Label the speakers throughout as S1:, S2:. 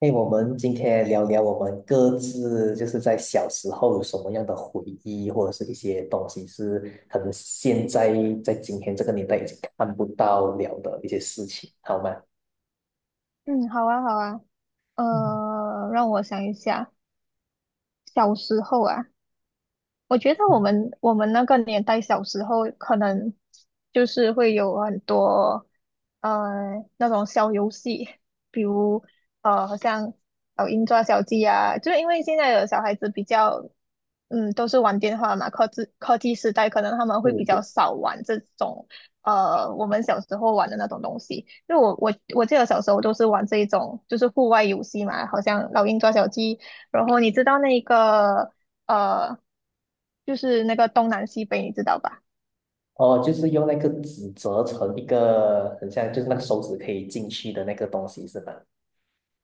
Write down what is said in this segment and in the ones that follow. S1: 哎，我们今天聊聊我们各自就是在小时候有什么样的回忆，或者是一些东西是可能现在在今天这个年代已经看不到了的一些事情，好吗？
S2: 嗯，好啊，好啊，
S1: 嗯
S2: 让我想一下。小时候啊，我觉得我
S1: 嗯
S2: 们我们那个年代小时候可能就是会有很多那种小游戏，比如好像老鹰抓小鸡啊。就是因为现在的小孩子比较都是玩电话嘛，科技时代可能他们会
S1: 是
S2: 比较
S1: 是。
S2: 少玩这种我们小时候玩的那种东西。因为我记得小时候都是玩这一种就是户外游戏嘛，好像老鹰抓小鸡。然后你知道那个呃，就是那个东南西北，你知道吧？
S1: 哦，就是用那个纸折成一个很像，就是那个手指可以进去的那个东西，是吧？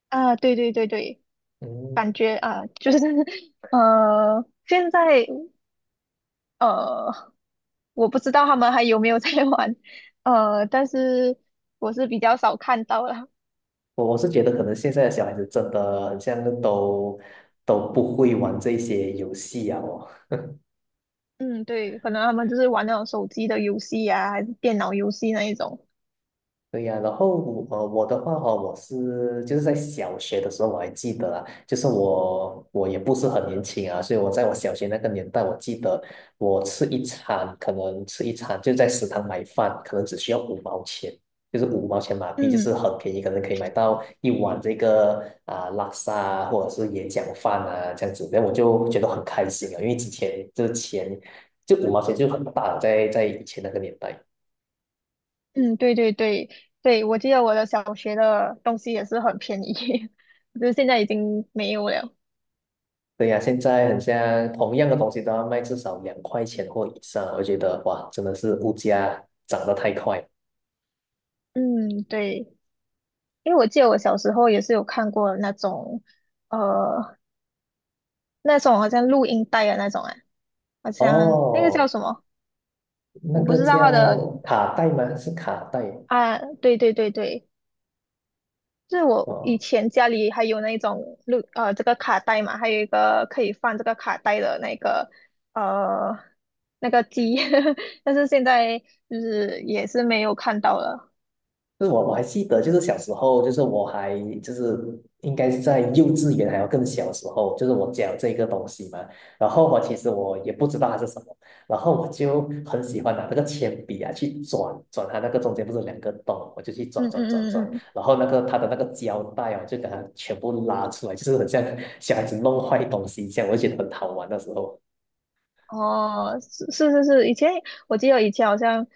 S2: 啊，对对对对，
S1: 嗯，
S2: 感觉啊，就是 现在呃，我不知道他们还有没有在 玩，但是我是比较少看到了。
S1: 我是觉得可能现在的小孩子真的很像都不会玩这些游戏啊，哦
S2: 嗯，对，可能他们就是玩那种手机的游戏呀，还是电脑游戏那一种。
S1: 对呀，然后我的话哦，我是就是在小学的时候我还记得啊，就是我也不是很年轻啊，所以我在我小学那个年代，我记得我吃一餐可能吃一餐就在食堂买饭，可能只需要五毛钱，就是五毛钱马币，就是
S2: 嗯
S1: 很便宜，可能可以买到一碗这个啊、拉萨啊或者是椰讲饭啊这样子，那我就觉得很开心啊，因为之前这钱就五毛钱就很大了，在以前那个年代。
S2: 嗯，对对对对，我记得我的小学的东西也是很便宜，就是现在已经没有了。
S1: 对呀，现在很像同样的东西都要卖至少两块钱或以上，我觉得哇，真的是物价涨得太快了。
S2: 嗯，对。因为我记得我小时候也是有看过那种，呃，那种好像录音带的那种啊，好像那个叫
S1: 哦，
S2: 什么，
S1: 那
S2: 我不
S1: 个
S2: 知道它的。
S1: 叫卡带吗？是卡带。
S2: 啊，对对对对，就是我以
S1: 哦，
S2: 前家里还有那种这个卡带嘛，还有一个可以放这个卡带的那个呃那个机，但是现在就是也是没有看到了。
S1: 就是我还记得，就是小时候，就是应该是在幼稚园还要更小时候，就是我教这个东西嘛，然后我其实也不知道它是什么，然后我就很喜欢拿那个铅笔啊去转转它，那个中间不是有两个洞，我就去转
S2: 嗯
S1: 转转
S2: 嗯
S1: 转，
S2: 嗯嗯。
S1: 然后那个它的那个胶带啊，就给它全部拉出来，就是很像小孩子弄坏东西一样，我就觉得很好玩的时候。
S2: 哦，是是是是，以前我记得以前好像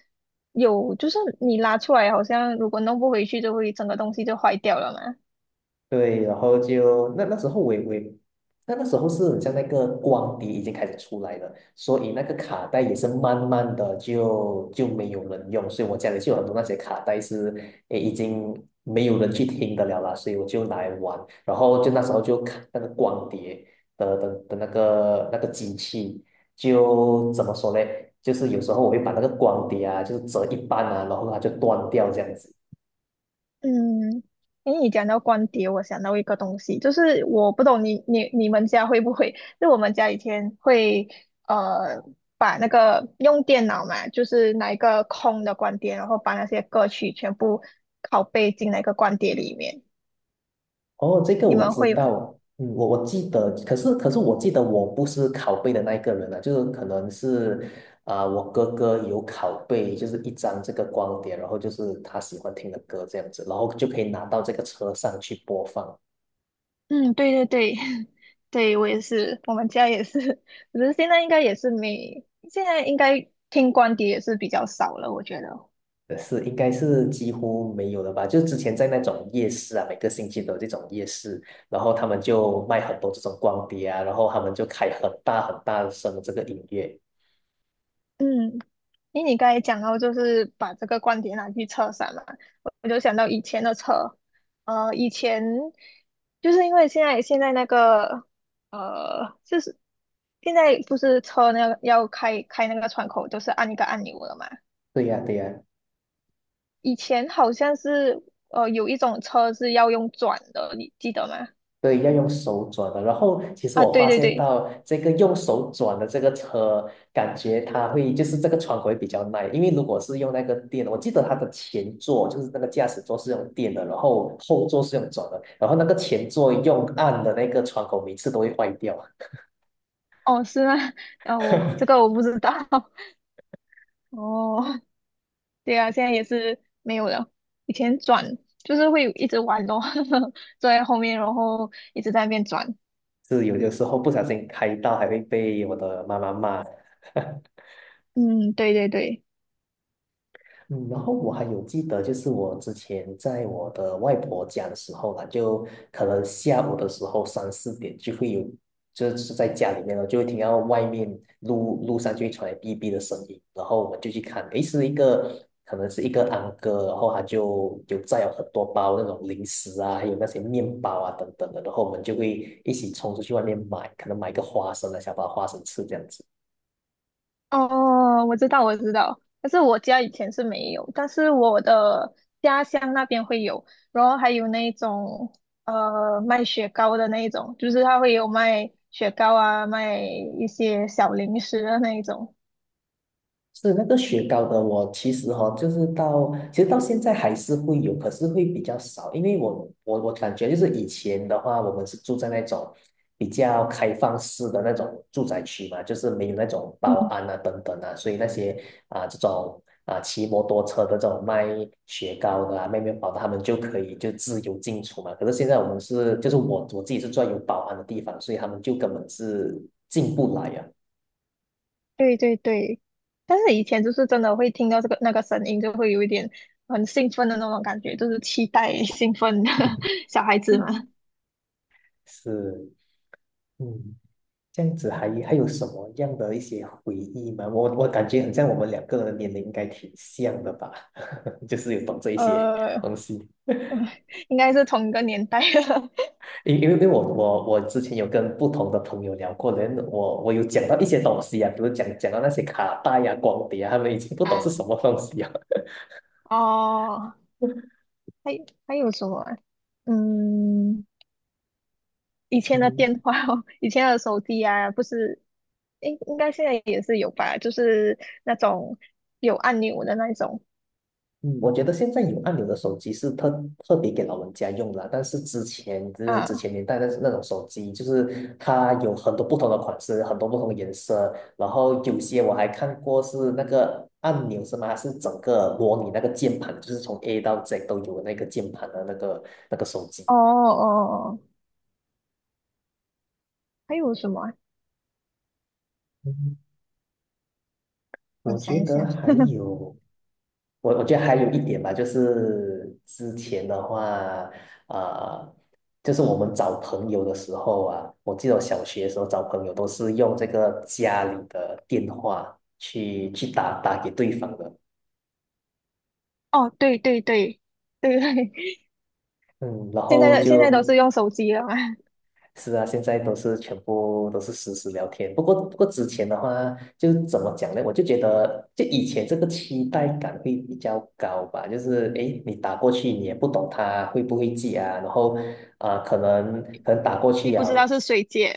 S2: 有，就是你拉出来，好像如果弄不回去，就会整个东西就坏掉了嘛。
S1: 对，然后就那时候是很像那个光碟已经开始出来了，所以那个卡带也是慢慢的就没有人用，所以我家里就有很多那些卡带是诶已经没有人去听的了啦，所以我就拿来玩，然后就那时候就看那个光碟的那个机器，就怎么说呢？就是有时候我会把那个光碟啊，就是折一半啊，然后它就断掉这样子。
S2: 嗯，因为你讲到光碟，我想到一个东西，就是我不懂你们家会不会？就我们家以前会呃把那个用电脑嘛，就是拿一个空的光碟，然后把那些歌曲全部拷贝进那个光碟里面，
S1: 哦，这个
S2: 你
S1: 我
S2: 们
S1: 知
S2: 会吗？
S1: 道，嗯，我记得，可是我记得我不是拷贝的那一个人啊，就是可能是啊、我哥哥有拷贝，就是一张这个光碟，然后就是他喜欢听的歌这样子，然后就可以拿到这个车上去播放。
S2: 嗯，对对对，对我也是，我们家也是，只是现在应该也是没，现在应该听光碟也是比较少了，我觉得。
S1: 呃，是应该是几乎没有了吧？就之前在那种夜市啊，每个星期都有这种夜市，然后他们就卖很多这种光碟啊，然后他们就开很大声的这个音乐。
S2: 嗯，因为你刚才讲到就是把这个光碟拿去车上嘛，我就想到以前的车。以前就是因为现在那个就是现在不是车那个要开那个窗口，就是按一个按钮了嘛。
S1: 对呀、对呀、
S2: 以前好像是有一种车是要用转的，你记得吗？
S1: 对，要用手转的。然后，其实
S2: 啊，
S1: 我
S2: 对
S1: 发
S2: 对
S1: 现
S2: 对。
S1: 到这个用手转的这个车，感觉它会就是这个窗口会比较耐，因为如果是用那个电，我记得它的前座就是那个驾驶座是用电的，然后后座是用转的，然后那个前座用按的那个窗口每次都会坏掉。
S2: 哦，是吗？哦，这个我 不知道。哦，对啊，现在也是没有了。以前转就是会一直玩咯，坐在后面，然后一直在那边转。
S1: 是有的时候不小心开到还会被我的妈妈骂。
S2: 嗯，对对对。
S1: 嗯，然后我还有记得，就是我之前在我的外婆家的时候啦，就可能下午的时候三四点就会有，就是在家里面呢，就会听到外面路上就会传来哔哔的声音，然后我们就去看，诶，是一个可能是一个安哥，然后他就有载有很多包那种零食啊，还有那些面包啊等等的，然后我们就会一起冲出去外面买，可能买个花生啊，想把花生吃这样子。
S2: 哦，我知道，我知道，但是我家以前是没有，但是我的家乡那边会有，然后还有那种卖雪糕的那一种，就是他会有卖雪糕啊，卖一些小零食的那一种。
S1: 是那个雪糕的，我其实哈、哦，就是其实到现在还是会有，可是会比较少，因为我我感觉就是以前的话，我们是住在那种比较开放式的那种住宅区嘛，就是没有那种保
S2: 嗯，
S1: 安啊等等啊，所以那些啊、这种啊、骑摩托车的这种卖雪糕的啊、卖面包的，他们就可以就自由进出嘛。可是现在我们是就是我自己是住在有保安的地方，所以他们就根本是进不来呀。
S2: 对对对，但是以前就是真的会听到这个那个声音，就会有一点很兴奋的那种感觉，就是期待 兴奋的 小孩子嘛。
S1: 是，嗯。这样子还有什么样的一些回忆吗？我感觉很像我们两个人的年龄应该挺像的吧，就是有懂这一些东
S2: 呃，
S1: 西。
S2: 应该是同一个年代的。
S1: 因为我之前有跟不同的朋友聊过，我有讲到一些东西啊，比如讲到那些卡带呀、光碟啊，他们已经 不懂
S2: 啊，
S1: 是什么东西啊。
S2: 哦。还还有什么啊。嗯，以前的
S1: 嗯
S2: 电话哦，以前的手机啊，不是，应该现在也是有吧？就是那种有按钮的那一种
S1: 嗯，我觉得现在有按钮的手机是特别给老人家用的，但是之
S2: 啊。
S1: 前年代的那种手机，就是它有很多不同的款式，很多不同的颜色，然后有些我还看过是那个按钮是吗？它是整个模拟那个键盘，就是从 A 到 Z 都有的那个键盘的那个手
S2: 哦
S1: 机。
S2: 哦，哦，还有什么啊？我
S1: 我
S2: 想
S1: 觉
S2: 一
S1: 得
S2: 想。
S1: 还 有，我我觉得还有一点吧，就是之前的话，呃，就是我们找朋友的时候啊，我记得我小学的时候找朋友都是用这个家里的电话去打给对方的。
S2: 哦，对对对对对，
S1: 嗯，然
S2: 现在
S1: 后
S2: 的现在都是
S1: 就
S2: 用手机了嘛？
S1: 是啊，现在都是全部都是实时聊天。不过，之前的话，就怎么讲呢？我就觉得，就以前这个期待感会比较高吧。就是，诶，你打过去，你也不懂他会不会记啊。然后，啊、可能打过
S2: 你
S1: 去
S2: 不
S1: 啊，
S2: 知道是谁接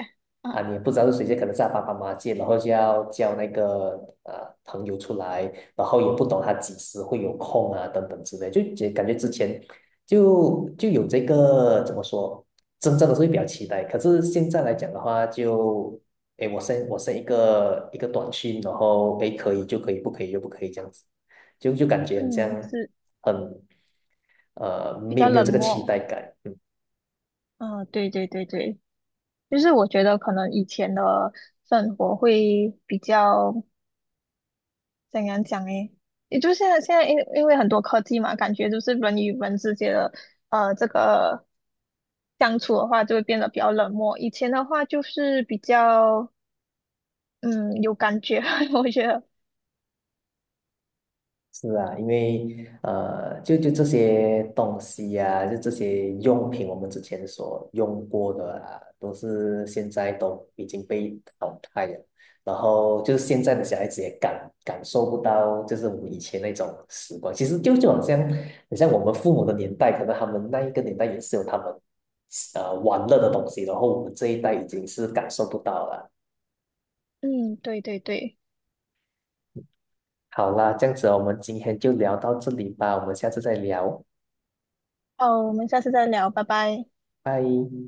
S1: 啊，
S2: 啊？
S1: 你不知道是谁借，可能是他爸爸妈妈借，然后就要叫那个呃朋友出来，然后也不懂他几时会有空啊，等等之类，就感觉之前就有这个怎么说，真正的是会比较期待，可是现在来讲的话就，诶，我 一个短信，然后诶可以就可以，不可以就不可以这样子，就感觉很
S2: 嗯，
S1: 像
S2: 是
S1: 很
S2: 比
S1: 没有
S2: 较
S1: 没有
S2: 冷
S1: 这个期
S2: 漠。
S1: 待感，
S2: 啊，对对对对，就是我觉得可能以前的生活会比较。怎样讲诶？也就现在因为很多科技嘛，感觉就是人与人之间的这个相处的话，就会变得比较冷漠。以前的话就是比较嗯有感觉，我觉得。
S1: 是啊，因为，就这些东西呀、就这些用品，我们之前所用过的啊，都是现在都已经被淘汰了。然后就是现在的小孩子也感受不到，就是我们以前那种时光。其实就好像，很像我们父母的年代，可能他们那一个年代也是有他们玩乐的东西，然后我们这一代已经是感受不到了。
S2: 嗯，对对对。
S1: 好啦，这样子我们今天就聊到这里吧，我们下次再聊，
S2: 哦，我们下次再聊，拜拜。
S1: 拜。